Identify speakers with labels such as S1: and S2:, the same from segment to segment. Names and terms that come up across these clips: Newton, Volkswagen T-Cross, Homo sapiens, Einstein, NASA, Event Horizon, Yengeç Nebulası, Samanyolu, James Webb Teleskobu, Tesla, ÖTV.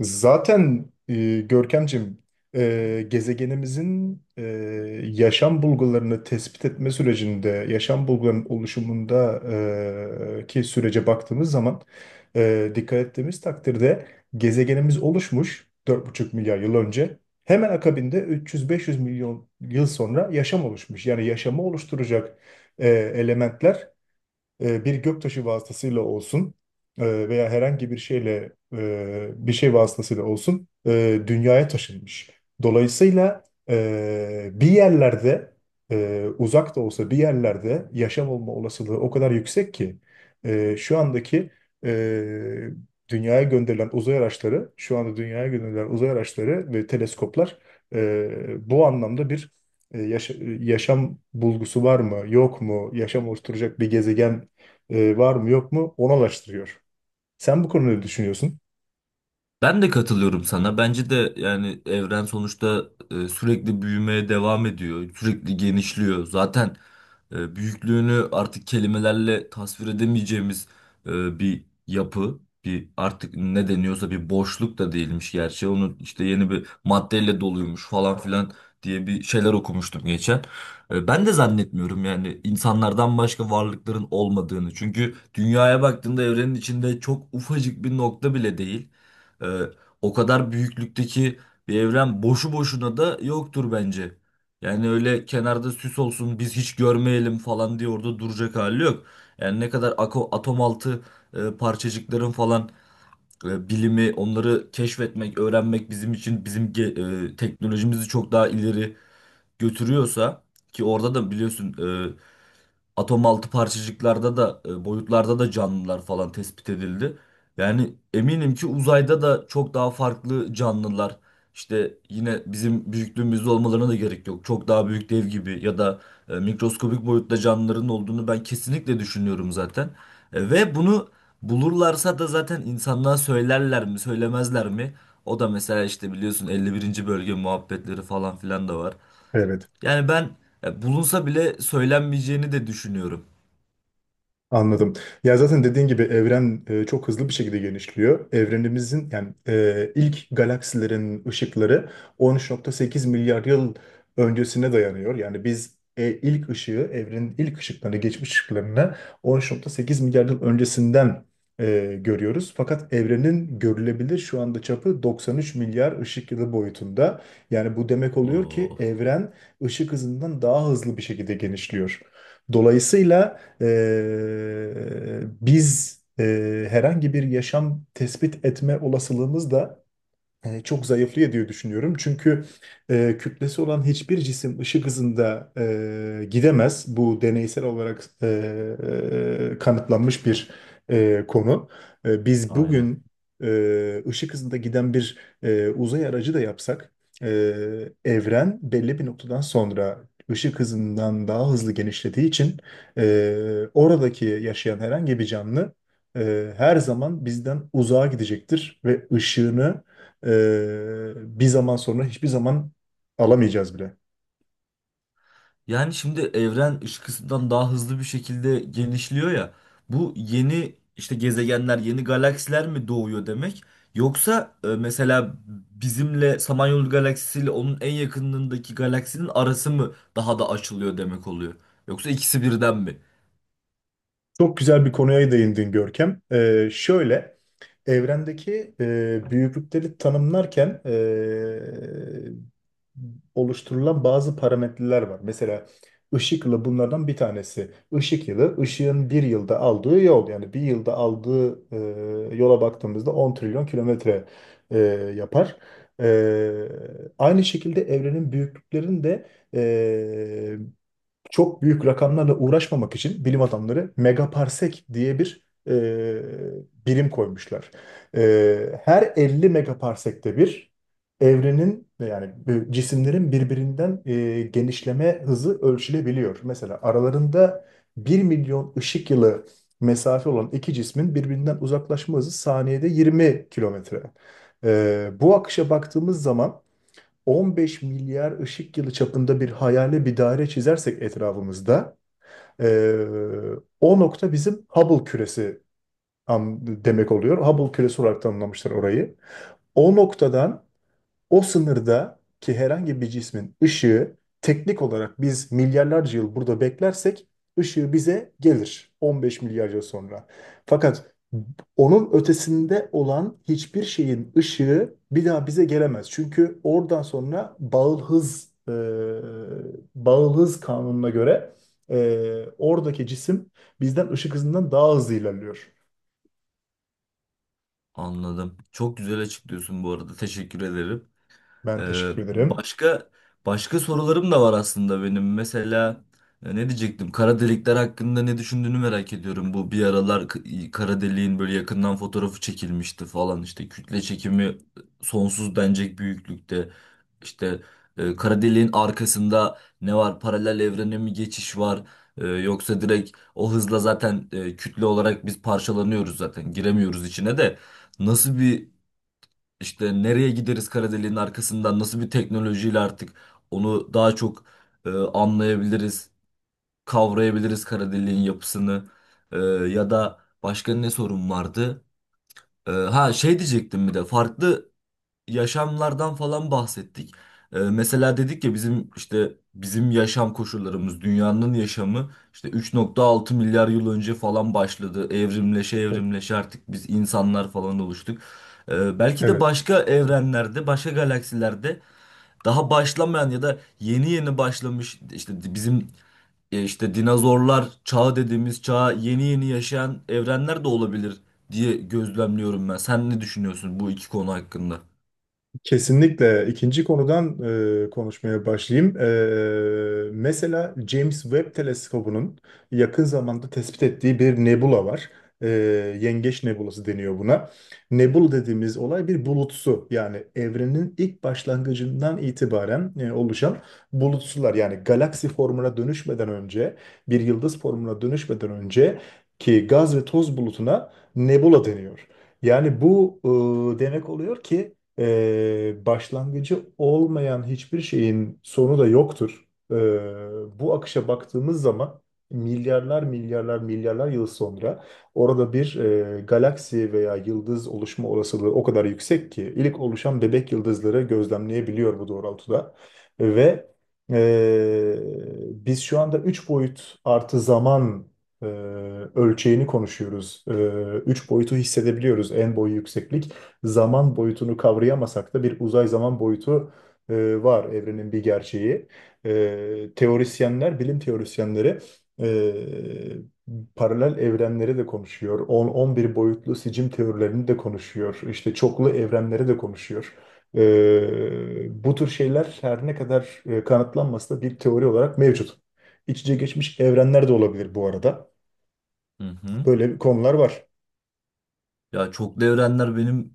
S1: Zaten Görkemciğim, gezegenimizin yaşam bulgularını tespit etme sürecinde, yaşam bulgularının oluşumunda, ki sürece baktığımız zaman, dikkat ettiğimiz takdirde gezegenimiz oluşmuş 4,5 milyar yıl önce. Hemen akabinde 300-500 milyon yıl sonra yaşam oluşmuş. Yani yaşamı oluşturacak elementler bir göktaşı vasıtasıyla olsun veya herhangi bir şeyle, bir şey vasıtasıyla olsun, dünyaya taşınmış. Dolayısıyla bir yerlerde, uzak da olsa bir yerlerde yaşam olma olasılığı o kadar yüksek ki şu andaki, e, dünyaya gönderilen uzay araçları, şu anda dünyaya gönderilen uzay araçları ve teleskoplar bu anlamda bir, e, yaşa- yaşam bulgusu var mı, yok mu, yaşam oluşturacak bir gezegen var mı yok mu onu araştırıyor. Sen bu konuda ne düşünüyorsun?
S2: Ben de katılıyorum sana. Bence de yani evren sonuçta sürekli büyümeye devam ediyor. Sürekli genişliyor. Zaten büyüklüğünü artık kelimelerle tasvir edemeyeceğimiz bir yapı. Bir artık ne deniyorsa bir boşluk da değilmiş gerçi. Onun işte yeni bir maddeyle doluymuş falan filan diye bir şeyler okumuştum geçen. Ben de zannetmiyorum yani insanlardan başka varlıkların olmadığını. Çünkü dünyaya baktığında evrenin içinde çok ufacık bir nokta bile değil. E, O kadar büyüklükteki bir evren boşu boşuna da yoktur bence. Yani öyle kenarda süs olsun biz hiç görmeyelim falan diye orada duracak hali yok. Yani ne kadar atom altı parçacıkların falan bilimi onları keşfetmek, öğrenmek bizim için bizim teknolojimizi çok daha ileri götürüyorsa ki orada da biliyorsun e, atom altı parçacıklarda da boyutlarda da canlılar falan tespit edildi. Yani eminim ki uzayda da çok daha farklı canlılar işte yine bizim büyüklüğümüzde olmalarına da gerek yok. Çok daha büyük dev gibi ya da mikroskobik boyutta canlıların olduğunu ben kesinlikle düşünüyorum zaten. Ve bunu bulurlarsa da zaten insanlığa söylerler mi, söylemezler mi? O da mesela işte biliyorsun 51. bölge muhabbetleri falan filan da var.
S1: Evet.
S2: Yani ben bulunsa bile söylenmeyeceğini de düşünüyorum.
S1: Anladım. Ya zaten dediğin gibi evren çok hızlı bir şekilde genişliyor. Evrenimizin, yani ilk galaksilerin ışıkları 13.8 milyar yıl öncesine dayanıyor. Yani biz ilk ışığı, evrenin ilk ışıklarını, geçmiş ışıklarını 13.8 milyar yıl öncesinden görüyoruz. Fakat evrenin görülebilir şu anda çapı 93 milyar ışık yılı boyutunda. Yani bu demek oluyor ki
S2: Oh,
S1: evren ışık hızından daha hızlı bir şekilde genişliyor. Dolayısıyla biz, herhangi bir yaşam tespit etme olasılığımız da çok zayıflıyor diye düşünüyorum. Çünkü kütlesi olan hiçbir cisim ışık hızında gidemez. Bu deneysel olarak kanıtlanmış bir konu. Biz
S2: aynen.
S1: bugün ışık hızında giden bir uzay aracı da yapsak, e, evren belli bir noktadan sonra ışık hızından daha hızlı genişlediği için e, oradaki yaşayan herhangi bir canlı her zaman bizden uzağa gidecektir ve ışığını bir zaman sonra hiçbir zaman alamayacağız bile.
S2: Yani şimdi evren ışıkından daha hızlı bir şekilde genişliyor ya. Bu yeni işte gezegenler, yeni galaksiler mi doğuyor demek? Yoksa mesela bizimle Samanyolu galaksisiyle onun en yakınındaki galaksinin arası mı daha da açılıyor demek oluyor? Yoksa ikisi birden mi?
S1: Çok güzel bir konuya değindin, Görkem. Şöyle, evrendeki büyüklükleri tanımlarken oluşturulan bazı parametreler var. Mesela ışık yılı bunlardan bir tanesi. Işık yılı, ışığın bir yılda aldığı yol. Yani bir yılda aldığı yola baktığımızda 10 trilyon kilometre e, yapar. E, Aynı şekilde evrenin büyüklüklerinin de e, çok büyük rakamlarla uğraşmamak için bilim adamları megaparsek diye bir birim koymuşlar. Her 50 megaparsekte bir evrenin, yani bu cisimlerin birbirinden genişleme hızı ölçülebiliyor. Mesela aralarında 1 milyon ışık yılı mesafe olan iki cismin birbirinden uzaklaşma hızı saniyede 20 kilometre. Bu akışa baktığımız zaman 15 milyar ışık yılı çapında bir hayali bir daire çizersek etrafımızda, eee, o nokta bizim Hubble küresi demek oluyor. Hubble küresi olarak tanımlamışlar orayı. O noktadan, o sınırda ki herhangi bir cismin ışığı teknik olarak, biz milyarlarca yıl burada beklersek, ışığı bize gelir 15 milyar yıl sonra. Fakat onun ötesinde olan hiçbir şeyin ışığı bir daha bize gelemez. Çünkü oradan sonra bağıl hız, bağıl hız kanununa göre oradaki cisim bizden ışık hızından daha hızlı ilerliyor.
S2: Anladım. Çok güzel açıklıyorsun bu arada. Teşekkür ederim.
S1: Ben teşekkür ederim.
S2: Başka başka sorularım da var aslında benim. Mesela ne diyecektim? Kara delikler hakkında ne düşündüğünü merak ediyorum. Bu bir aralar kara deliğin böyle yakından fotoğrafı çekilmişti falan, işte kütle çekimi sonsuz denecek büyüklükte. İşte kara deliğin arkasında ne var? Paralel evrene mi geçiş var? Yoksa direkt o hızla zaten kütle olarak biz parçalanıyoruz zaten. Giremiyoruz içine de. Nasıl bir işte nereye gideriz kara deliğin arkasından, nasıl bir teknolojiyle artık onu daha çok anlayabiliriz, kavrayabiliriz kara deliğin yapısını? Ya da başka ne sorun vardı? Ha, şey diyecektim, bir de farklı yaşamlardan falan bahsettik. Mesela dedik ya, bizim işte bizim yaşam koşullarımız, dünyanın yaşamı işte 3,6 milyar yıl önce falan başladı. Evrimleşe
S1: Evet.
S2: evrimleşe artık biz insanlar falan oluştuk. Belki de
S1: Evet.
S2: başka evrenlerde, başka galaksilerde daha başlamayan ya da yeni yeni başlamış, işte bizim işte dinozorlar çağı dediğimiz çağa yeni yeni yaşayan evrenler de olabilir diye gözlemliyorum ben. Sen ne düşünüyorsun bu iki konu hakkında?
S1: Kesinlikle. İkinci konudan konuşmaya başlayayım. Mesela James Webb Teleskobu'nun yakın zamanda tespit ettiği bir nebula var. E, Yengeç Nebulası deniyor buna. Nebula dediğimiz olay bir bulutsu. Yani evrenin ilk başlangıcından itibaren oluşan bulutsular. Yani galaksi formuna dönüşmeden önce, bir yıldız formuna dönüşmeden önce, ki gaz ve toz bulutuna nebula deniyor. Yani bu demek oluyor ki başlangıcı olmayan hiçbir şeyin sonu da yoktur. Bu akışa baktığımız zaman, milyarlar milyarlar milyarlar yıl sonra orada bir galaksi veya yıldız oluşma olasılığı o kadar yüksek ki ilk oluşan bebek yıldızları gözlemleyebiliyor bu doğrultuda. Ve e, biz şu anda 3 boyut artı zaman e, ölçeğini konuşuyoruz. 3 boyutu hissedebiliyoruz, en, boyu, yükseklik; zaman boyutunu kavrayamasak da bir uzay zaman boyutu var, evrenin bir gerçeği. Teorisyenler, bilim teorisyenleri paralel evrenleri de konuşuyor. 10-11 boyutlu sicim teorilerini de konuşuyor. İşte çoklu evrenleri de konuşuyor. Bu tür şeyler her ne kadar kanıtlanmasa da bir teori olarak mevcut. İç içe geçmiş evrenler de olabilir bu arada.
S2: Hı hı.
S1: Böyle bir konular var.
S2: Ya çoklu evrenler benim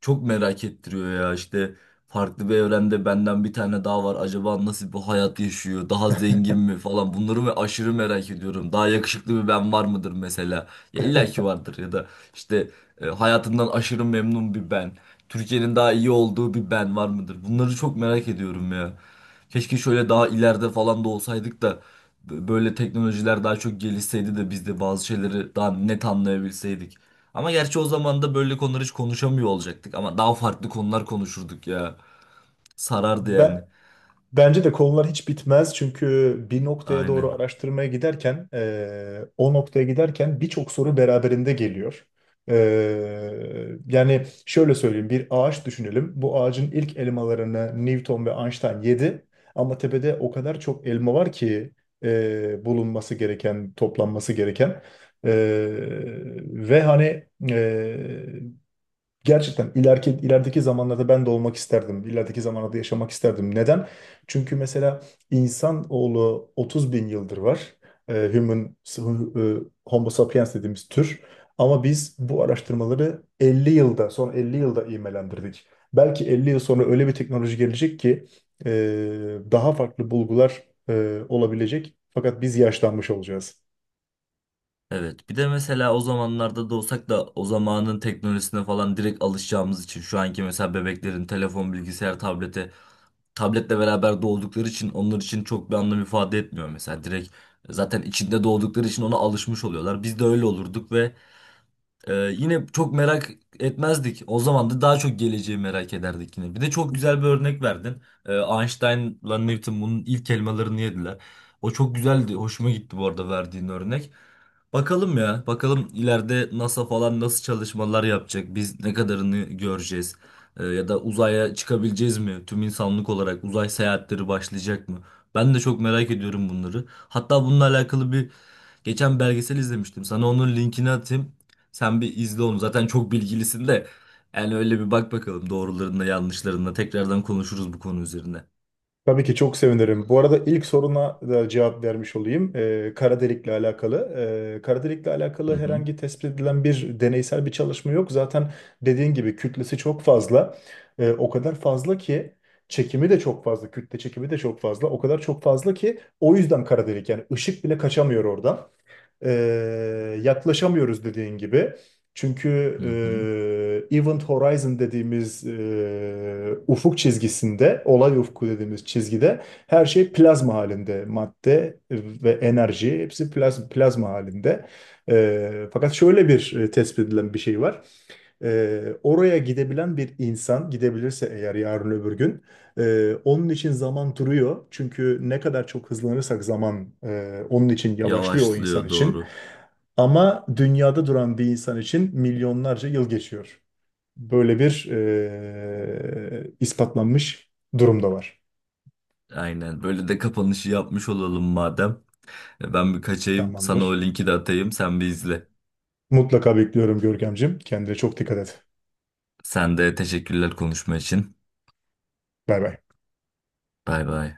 S2: çok merak ettiriyor ya. İşte farklı bir evrende benden bir tane daha var, acaba nasıl bir hayat yaşıyor, daha zengin mi falan, bunları mı aşırı merak ediyorum. Daha yakışıklı bir ben var mıdır mesela? Ya illa ki vardır, ya da işte hayatından aşırı memnun bir ben, Türkiye'nin daha iyi olduğu bir ben var mıdır? Bunları çok merak ediyorum ya. Keşke şöyle daha ileride falan da olsaydık da böyle teknolojiler daha çok gelişseydi de biz de bazı şeyleri daha net anlayabilseydik. Ama gerçi o zaman da böyle konuları hiç konuşamıyor olacaktık. Ama daha farklı konular konuşurduk ya. Sarardı
S1: Ben
S2: yani.
S1: Bence de konular hiç bitmez, çünkü bir noktaya doğru
S2: Aynen.
S1: araştırmaya giderken, o noktaya giderken birçok soru beraberinde geliyor. Yani şöyle söyleyeyim, bir ağaç düşünelim. Bu ağacın ilk elmalarını Newton ve Einstein yedi, ama tepede o kadar çok elma var ki, bulunması gereken, toplanması gereken. Eee, ve hani Gerçekten ileriki, ilerideki zamanlarda ben de olmak isterdim. İlerideki zamanlarda yaşamak isterdim. Neden? Çünkü mesela insanoğlu 30 bin yıldır var. Homo sapiens dediğimiz tür. Ama biz bu araştırmaları 50 yılda, son 50 yılda imelendirdik. Belki 50 yıl sonra öyle bir teknoloji gelecek ki e, daha farklı bulgular olabilecek. Fakat biz yaşlanmış olacağız.
S2: Evet. Bir de mesela o zamanlarda da olsak da o zamanın teknolojisine falan direkt alışacağımız için, şu anki mesela bebeklerin telefon, bilgisayar, tabletle beraber doğdukları için onlar için çok bir anlam ifade etmiyor mesela. Direkt zaten içinde doğdukları için ona alışmış oluyorlar. Biz de öyle olurduk ve Ee, yine çok merak etmezdik. O zaman da daha çok geleceği merak ederdik yine. Bir de çok güzel bir örnek verdin. Einstein'la Newton bunun ilk elmalarını yediler. O çok güzeldi. Hoşuma gitti bu arada verdiğin örnek. Bakalım ya. Bakalım ileride NASA falan nasıl çalışmalar yapacak? Biz ne kadarını göreceğiz? Ya da uzaya çıkabileceğiz mi? Tüm insanlık olarak uzay seyahatleri başlayacak mı? Ben de çok merak ediyorum bunları. Hatta bununla alakalı bir geçen belgesel izlemiştim. Sana onun linkini atayım. Sen bir izle onu. Zaten çok bilgilisin de. Yani öyle bir bak bakalım doğrularında, yanlışlarında. Tekrardan konuşuruz bu konu üzerine.
S1: Tabii ki çok sevinirim. Bu arada ilk soruna da cevap vermiş olayım. Kara delikle alakalı. Kara delikle alakalı
S2: Hı hı.
S1: herhangi tespit edilen bir deneysel bir çalışma yok. Zaten dediğin gibi kütlesi çok fazla. O kadar fazla ki çekimi de çok fazla, kütle çekimi de çok fazla. O kadar çok fazla ki, o yüzden kara delik, yani ışık bile kaçamıyor oradan, e, yaklaşamıyoruz dediğin gibi. Çünkü
S2: Hı hı.
S1: Event Horizon dediğimiz ufuk çizgisinde, olay ufku dediğimiz çizgide her şey plazma halinde. Madde ve enerji hepsi plazma halinde. Fakat şöyle bir tespit edilen bir şey var. Oraya gidebilen bir insan gidebilirse eğer, yarın öbür gün, onun için zaman duruyor. Çünkü ne kadar çok hızlanırsak zaman onun için yavaşlıyor, o insan
S2: Yavaşlıyor,
S1: için.
S2: doğru.
S1: Ama dünyada duran bir insan için milyonlarca yıl geçiyor. Böyle bir ispatlanmış durum da var.
S2: Aynen. Böyle de kapanışı yapmış olalım madem. Ben bir kaçayım. Sana o
S1: Tamamdır.
S2: linki de atayım. Sen bir izle.
S1: Mutlaka bekliyorum, Görkemciğim. Kendine çok dikkat et.
S2: Sen de teşekkürler konuşma için.
S1: Bay bay.
S2: Bay bay.